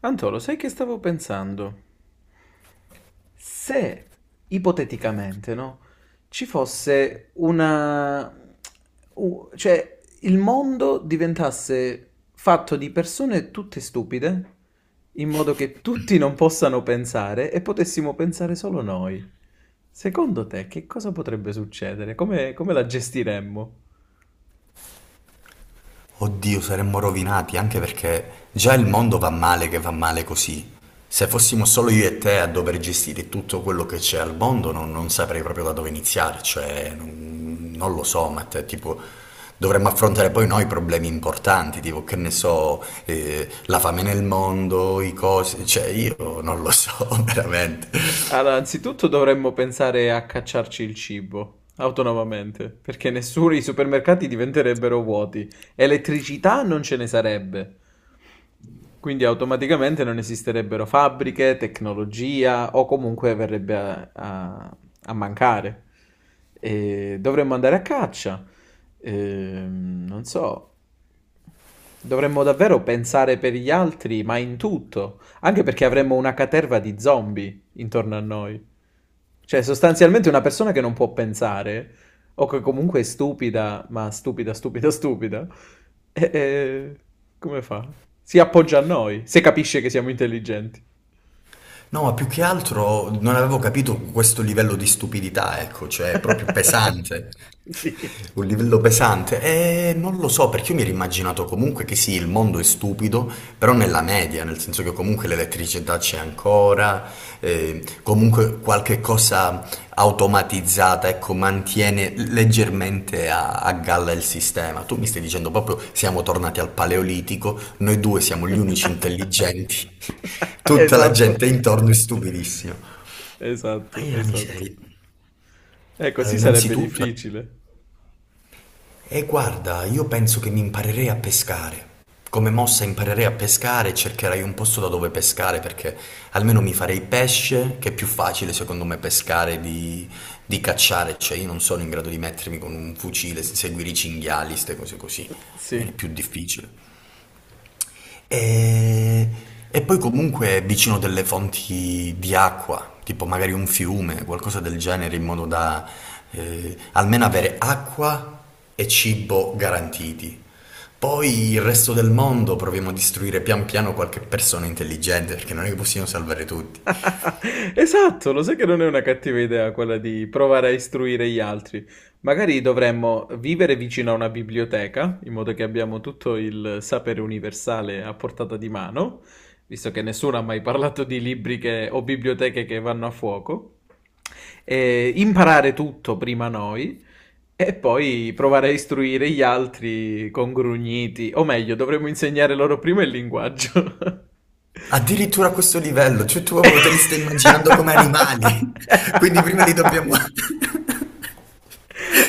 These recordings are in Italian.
Antolo, sai che stavo pensando? Se, ipoteticamente, no, ci fosse una... cioè, il mondo diventasse fatto di persone tutte stupide, in modo che tutti non possano pensare e potessimo pensare solo noi. Secondo te, che cosa potrebbe succedere? Come la gestiremmo? Oddio, saremmo rovinati anche perché già il mondo va male che va male così. Se fossimo solo io e te a dover gestire tutto quello che c'è al mondo, non saprei proprio da dove iniziare, cioè non lo so, ma te, tipo dovremmo affrontare poi noi problemi importanti, tipo che ne so, la fame nel mondo, i cose, cioè io non lo so veramente. Allora, anzitutto dovremmo pensare a cacciarci il cibo autonomamente, perché nessuno i supermercati diventerebbero vuoti, elettricità non ce ne sarebbe. Quindi automaticamente non esisterebbero fabbriche, tecnologia o comunque verrebbe a mancare. E dovremmo andare a caccia. Non so, dovremmo davvero pensare per gli altri, ma in tutto, anche perché avremmo una caterva di zombie intorno a noi. Cioè, sostanzialmente una persona che non può pensare, o che comunque è stupida, ma stupida, stupida, stupida, e come fa? Si appoggia a noi, se capisce che siamo intelligenti. No, ma più che altro non avevo capito questo livello di stupidità, ecco, cioè è proprio pesante. Sì, Un livello pesante. E non lo so, perché io mi ero immaginato comunque che sì, il mondo è stupido, però nella media, nel senso che comunque l'elettricità c'è ancora, comunque qualche cosa automatizzata, ecco, mantiene leggermente a galla il sistema. Tu mi stai dicendo proprio siamo tornati al Paleolitico, noi due siamo gli unici intelligenti, tutta la esatto, gente intorno è stupidissima. Ma esatto, io la esatto. miseria. Ecco, Allora, sì, sarebbe innanzitutto, difficile. e guarda, io penso che mi imparerei a pescare. Come mossa imparerei a pescare e cercherei un posto da dove pescare perché almeno mi farei pesce, che è più facile secondo me pescare di cacciare. Cioè io non sono in grado di mettermi con un fucile, seguire i cinghiali, ste cose così. Mi viene Sì. più difficile. E, e poi comunque vicino delle fonti di acqua, tipo magari un fiume, qualcosa del genere, in modo da almeno avere acqua e cibo garantiti. Poi il resto del mondo proviamo a distruggere pian piano qualche persona intelligente, perché non è che possiamo salvare tutti. Esatto, lo sai che non è una cattiva idea quella di provare a istruire gli altri. Magari dovremmo vivere vicino a una biblioteca, in modo che abbiamo tutto il sapere universale a portata di mano, visto che nessuno ha mai parlato di o biblioteche che vanno a fuoco. E imparare tutto prima noi e poi provare a istruire gli altri con grugniti, o meglio, dovremmo insegnare loro prima il linguaggio. Addirittura a questo livello, cioè tu proprio te li stai immaginando come animali, quindi prima li dobbiamo...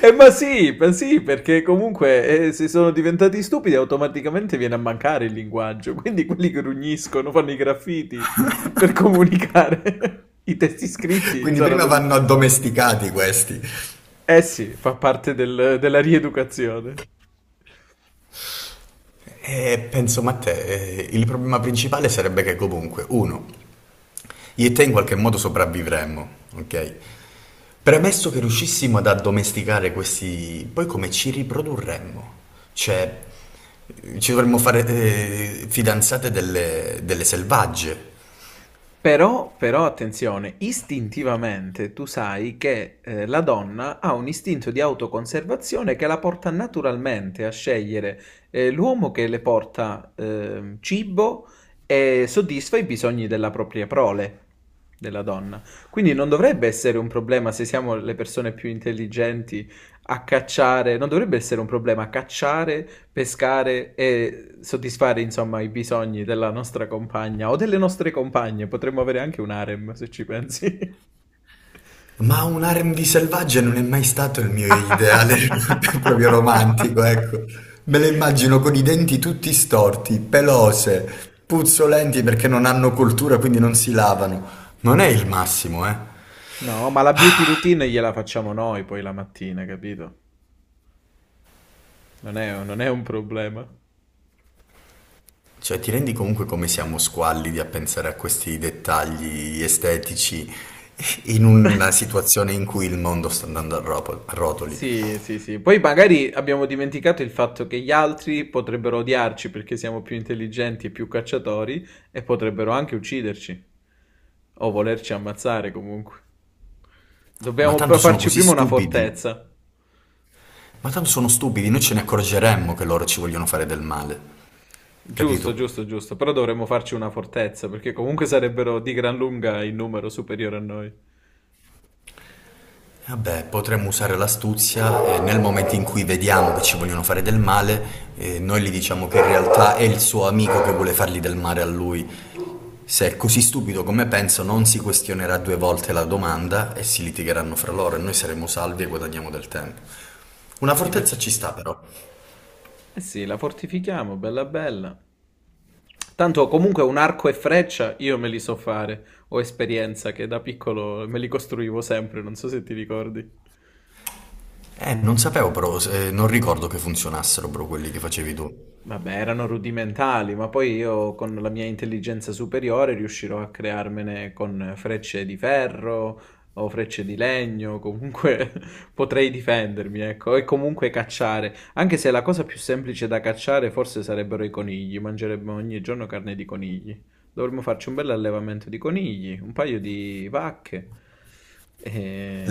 Ma sì, perché comunque se sono diventati stupidi automaticamente viene a mancare il linguaggio, quindi quelli che grugniscono, fanno i graffiti per comunicare, i testi scritti quindi prima saranno vanno difficili. addomesticati questi. Eh sì, fa parte della rieducazione. Penso, ma te, il problema principale sarebbe che comunque, uno, io e te in qualche modo sopravvivremmo, ok? Premesso che riuscissimo ad addomesticare questi, poi come ci riprodurremmo? Cioè, ci dovremmo fare fidanzate delle selvagge. Però attenzione, istintivamente tu sai che la donna ha un istinto di autoconservazione che la porta naturalmente a scegliere l'uomo che le porta cibo e soddisfa i bisogni della propria prole, della donna. Quindi non dovrebbe essere un problema se siamo le persone più intelligenti a cacciare, non dovrebbe essere un problema cacciare, pescare e soddisfare insomma i bisogni della nostra compagna o delle nostre compagne. Potremmo avere anche un harem se ci pensi. Ma un R&B selvaggia non è mai stato il mio ideale proprio romantico, ecco. Me le immagino con i denti tutti storti, pelose, puzzolenti perché non hanno cultura, quindi non si lavano. Non è il massimo, eh. No, ma la beauty routine gliela facciamo noi poi la mattina, capito? Non è un problema. Cioè, ti rendi comunque come siamo squallidi a pensare a questi dettagli estetici in una situazione in cui il mondo sta andando a rotoli. Sì, sì, sì. Poi magari abbiamo dimenticato il fatto che gli altri potrebbero odiarci perché siamo più intelligenti e più cacciatori e potrebbero anche ucciderci o volerci ammazzare comunque. Ma Dobbiamo tanto però sono farci così prima una stupidi. fortezza. Ma tanto sono stupidi, noi ce ne accorgeremmo che loro ci vogliono fare del male. Giusto, Capito? giusto, giusto. Però dovremmo farci una fortezza perché comunque sarebbero di gran lunga in numero superiore a noi. Vabbè, potremmo usare l'astuzia e nel momento in cui vediamo che ci vogliono fare del male, noi gli diciamo che in realtà è il suo amico che vuole fargli del male a lui. Se è così stupido come penso, non si questionerà due volte la domanda e si litigheranno fra loro e noi saremo salvi e guadagniamo del tempo. Una Gli fortezza fac- ci sta però. Eh sì, la fortifichiamo, bella bella. Tanto comunque un arco e freccia io me li so fare, ho esperienza che da piccolo me li costruivo sempre, non so se ti ricordi. Non sapevo però, non ricordo che funzionassero però quelli che facevi tu. Vabbè, erano rudimentali, ma poi io con la mia intelligenza superiore riuscirò a crearmene con frecce di ferro o frecce di legno, comunque potrei difendermi, ecco, e comunque cacciare. Anche se la cosa più semplice da cacciare forse sarebbero i conigli, mangeremmo ogni giorno carne di conigli. Dovremmo farci un bel allevamento di conigli, un paio di vacche,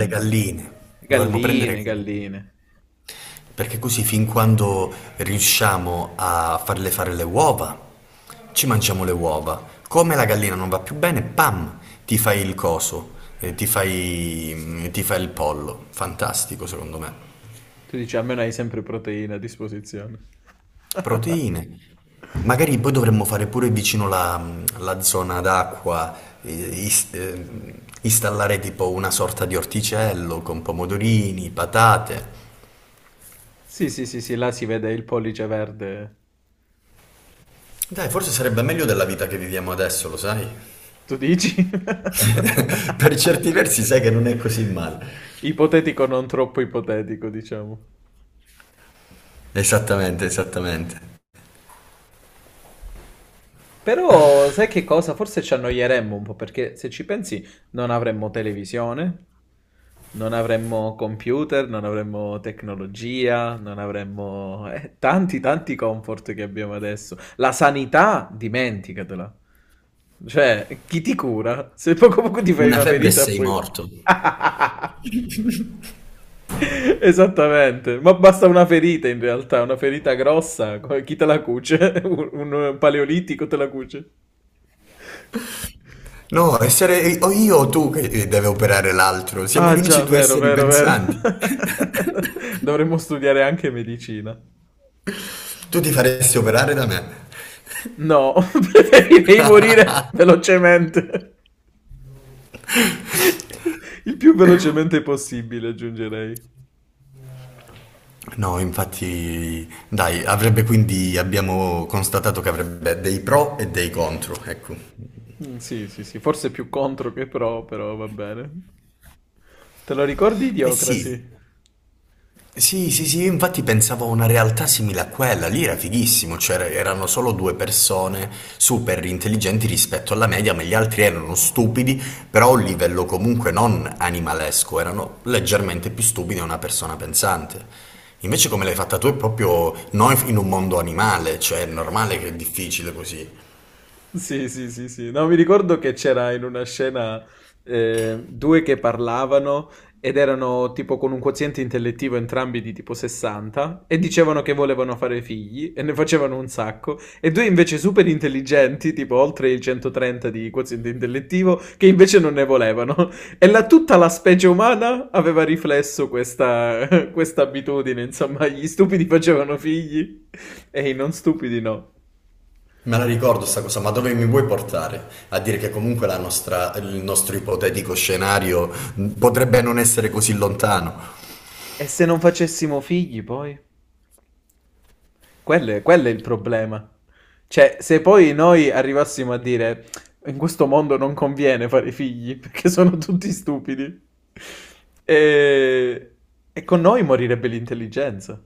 Le galline. Dovremmo prendere galline, galline. galline. Perché così fin quando riusciamo a farle fare le uova, ci mangiamo le uova. Come la gallina non va più bene, pam, ti fai il coso, ti fai il pollo. Fantastico secondo me. Tu dici, almeno hai sempre proteine a disposizione. Proteine. Magari poi dovremmo fare pure vicino la zona d'acqua, eh, is- eh, installare tipo una sorta di orticello con pomodorini, patate. Sì, sì, sì, sì, là si vede il pollice verde. Dai, forse sarebbe meglio della vita che viviamo adesso, lo sai? Tu dici? Per certi versi sai che non è così male. Ipotetico, non troppo ipotetico, diciamo. Esattamente, esattamente. Però sai che cosa? Forse ci annoieremmo un po' perché se ci pensi non avremmo televisione, non avremmo computer, non avremmo tecnologia, non avremmo tanti tanti comfort che abbiamo adesso. La sanità, dimenticatela. Cioè, chi ti cura? Se poco poco ti fai Una una febbre e ferita, sei poi... morto. Esattamente, ma basta una ferita in realtà, una ferita grossa. Chi te la cuce? Un paleolitico te la cuce. No, essere o io o tu che deve operare l'altro. Siamo Ah gli unici già, due vero, esseri vero, vero. pensanti. Dovremmo studiare anche medicina. Tu ti faresti operare da me. No, preferirei morire velocemente. Il più velocemente possibile, aggiungerei. No, infatti, dai, avrebbe quindi, abbiamo constatato che avrebbe dei pro e dei contro, ecco. Mm, sì, sì, sì, forse più contro che pro, però va bene. Te lo ricordi Eh sì, Idiocracy? sì, sì, sì, io infatti pensavo a una realtà simile a quella, lì era fighissimo, cioè erano solo due persone super intelligenti rispetto alla media, ma gli altri erano stupidi, però a un livello comunque non animalesco, erano leggermente più stupidi di una persona pensante. Invece come l'hai fatta tu è proprio noi in un mondo animale, cioè è normale che è difficile così. Sì, sì, sì, sì. No, mi ricordo che c'era in una scena due che parlavano ed erano tipo con un quoziente intellettivo entrambi di tipo 60 e dicevano che volevano fare figli e ne facevano un sacco e due invece super intelligenti, tipo oltre il 130 di quoziente intellettivo, che invece non ne volevano. E tutta la specie umana aveva riflesso questa, questa abitudine, insomma, gli stupidi facevano figli e i non stupidi no. Me la ricordo sta cosa, ma dove mi vuoi portare? A dire che comunque il nostro ipotetico scenario potrebbe non essere così lontano. E se non facessimo figli poi? Quello è il problema. Cioè, se poi noi arrivassimo a dire in questo mondo non conviene fare figli perché sono tutti stupidi, e, e con noi morirebbe l'intelligenza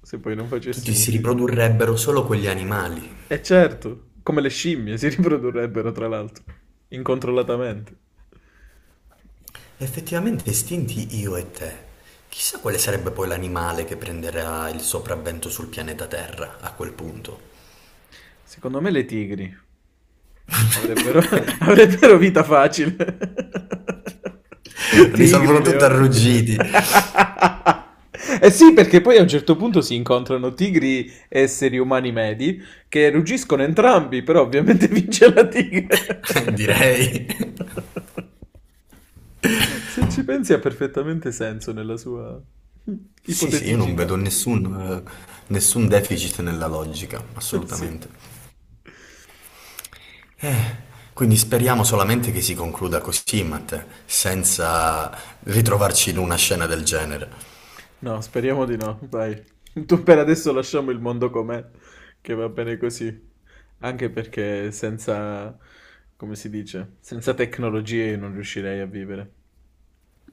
se poi non Tutti facessimo si figli. riprodurrebbero solo quegli animali. E certo, come le scimmie si riprodurrebbero tra l'altro, incontrollatamente. Effettivamente estinti io e te. Chissà quale sarebbe poi l'animale che prenderà il sopravvento sul pianeta Terra a quel punto. Secondo me le tigri. Avrebbero, avrebbero vita facile. Tigri, Risolvono tutto a leoni. ruggiti, Eh sì, perché poi a un certo punto si incontrano tigri e esseri umani medi che ruggiscono entrambi, però ovviamente vince la tigre. direi. Se ci pensi ha perfettamente senso nella sua Sì, sì, io non ipoteticità. vedo nessun, nessun deficit nella logica, Sì. assolutamente. Quindi speriamo solamente che si concluda così, Matteo, senza ritrovarci in una scena del genere. No, speriamo di no, dai. Tu per adesso lasciamo il mondo com'è, che va bene così. Anche perché senza, come si dice, senza tecnologie io non riuscirei a vivere.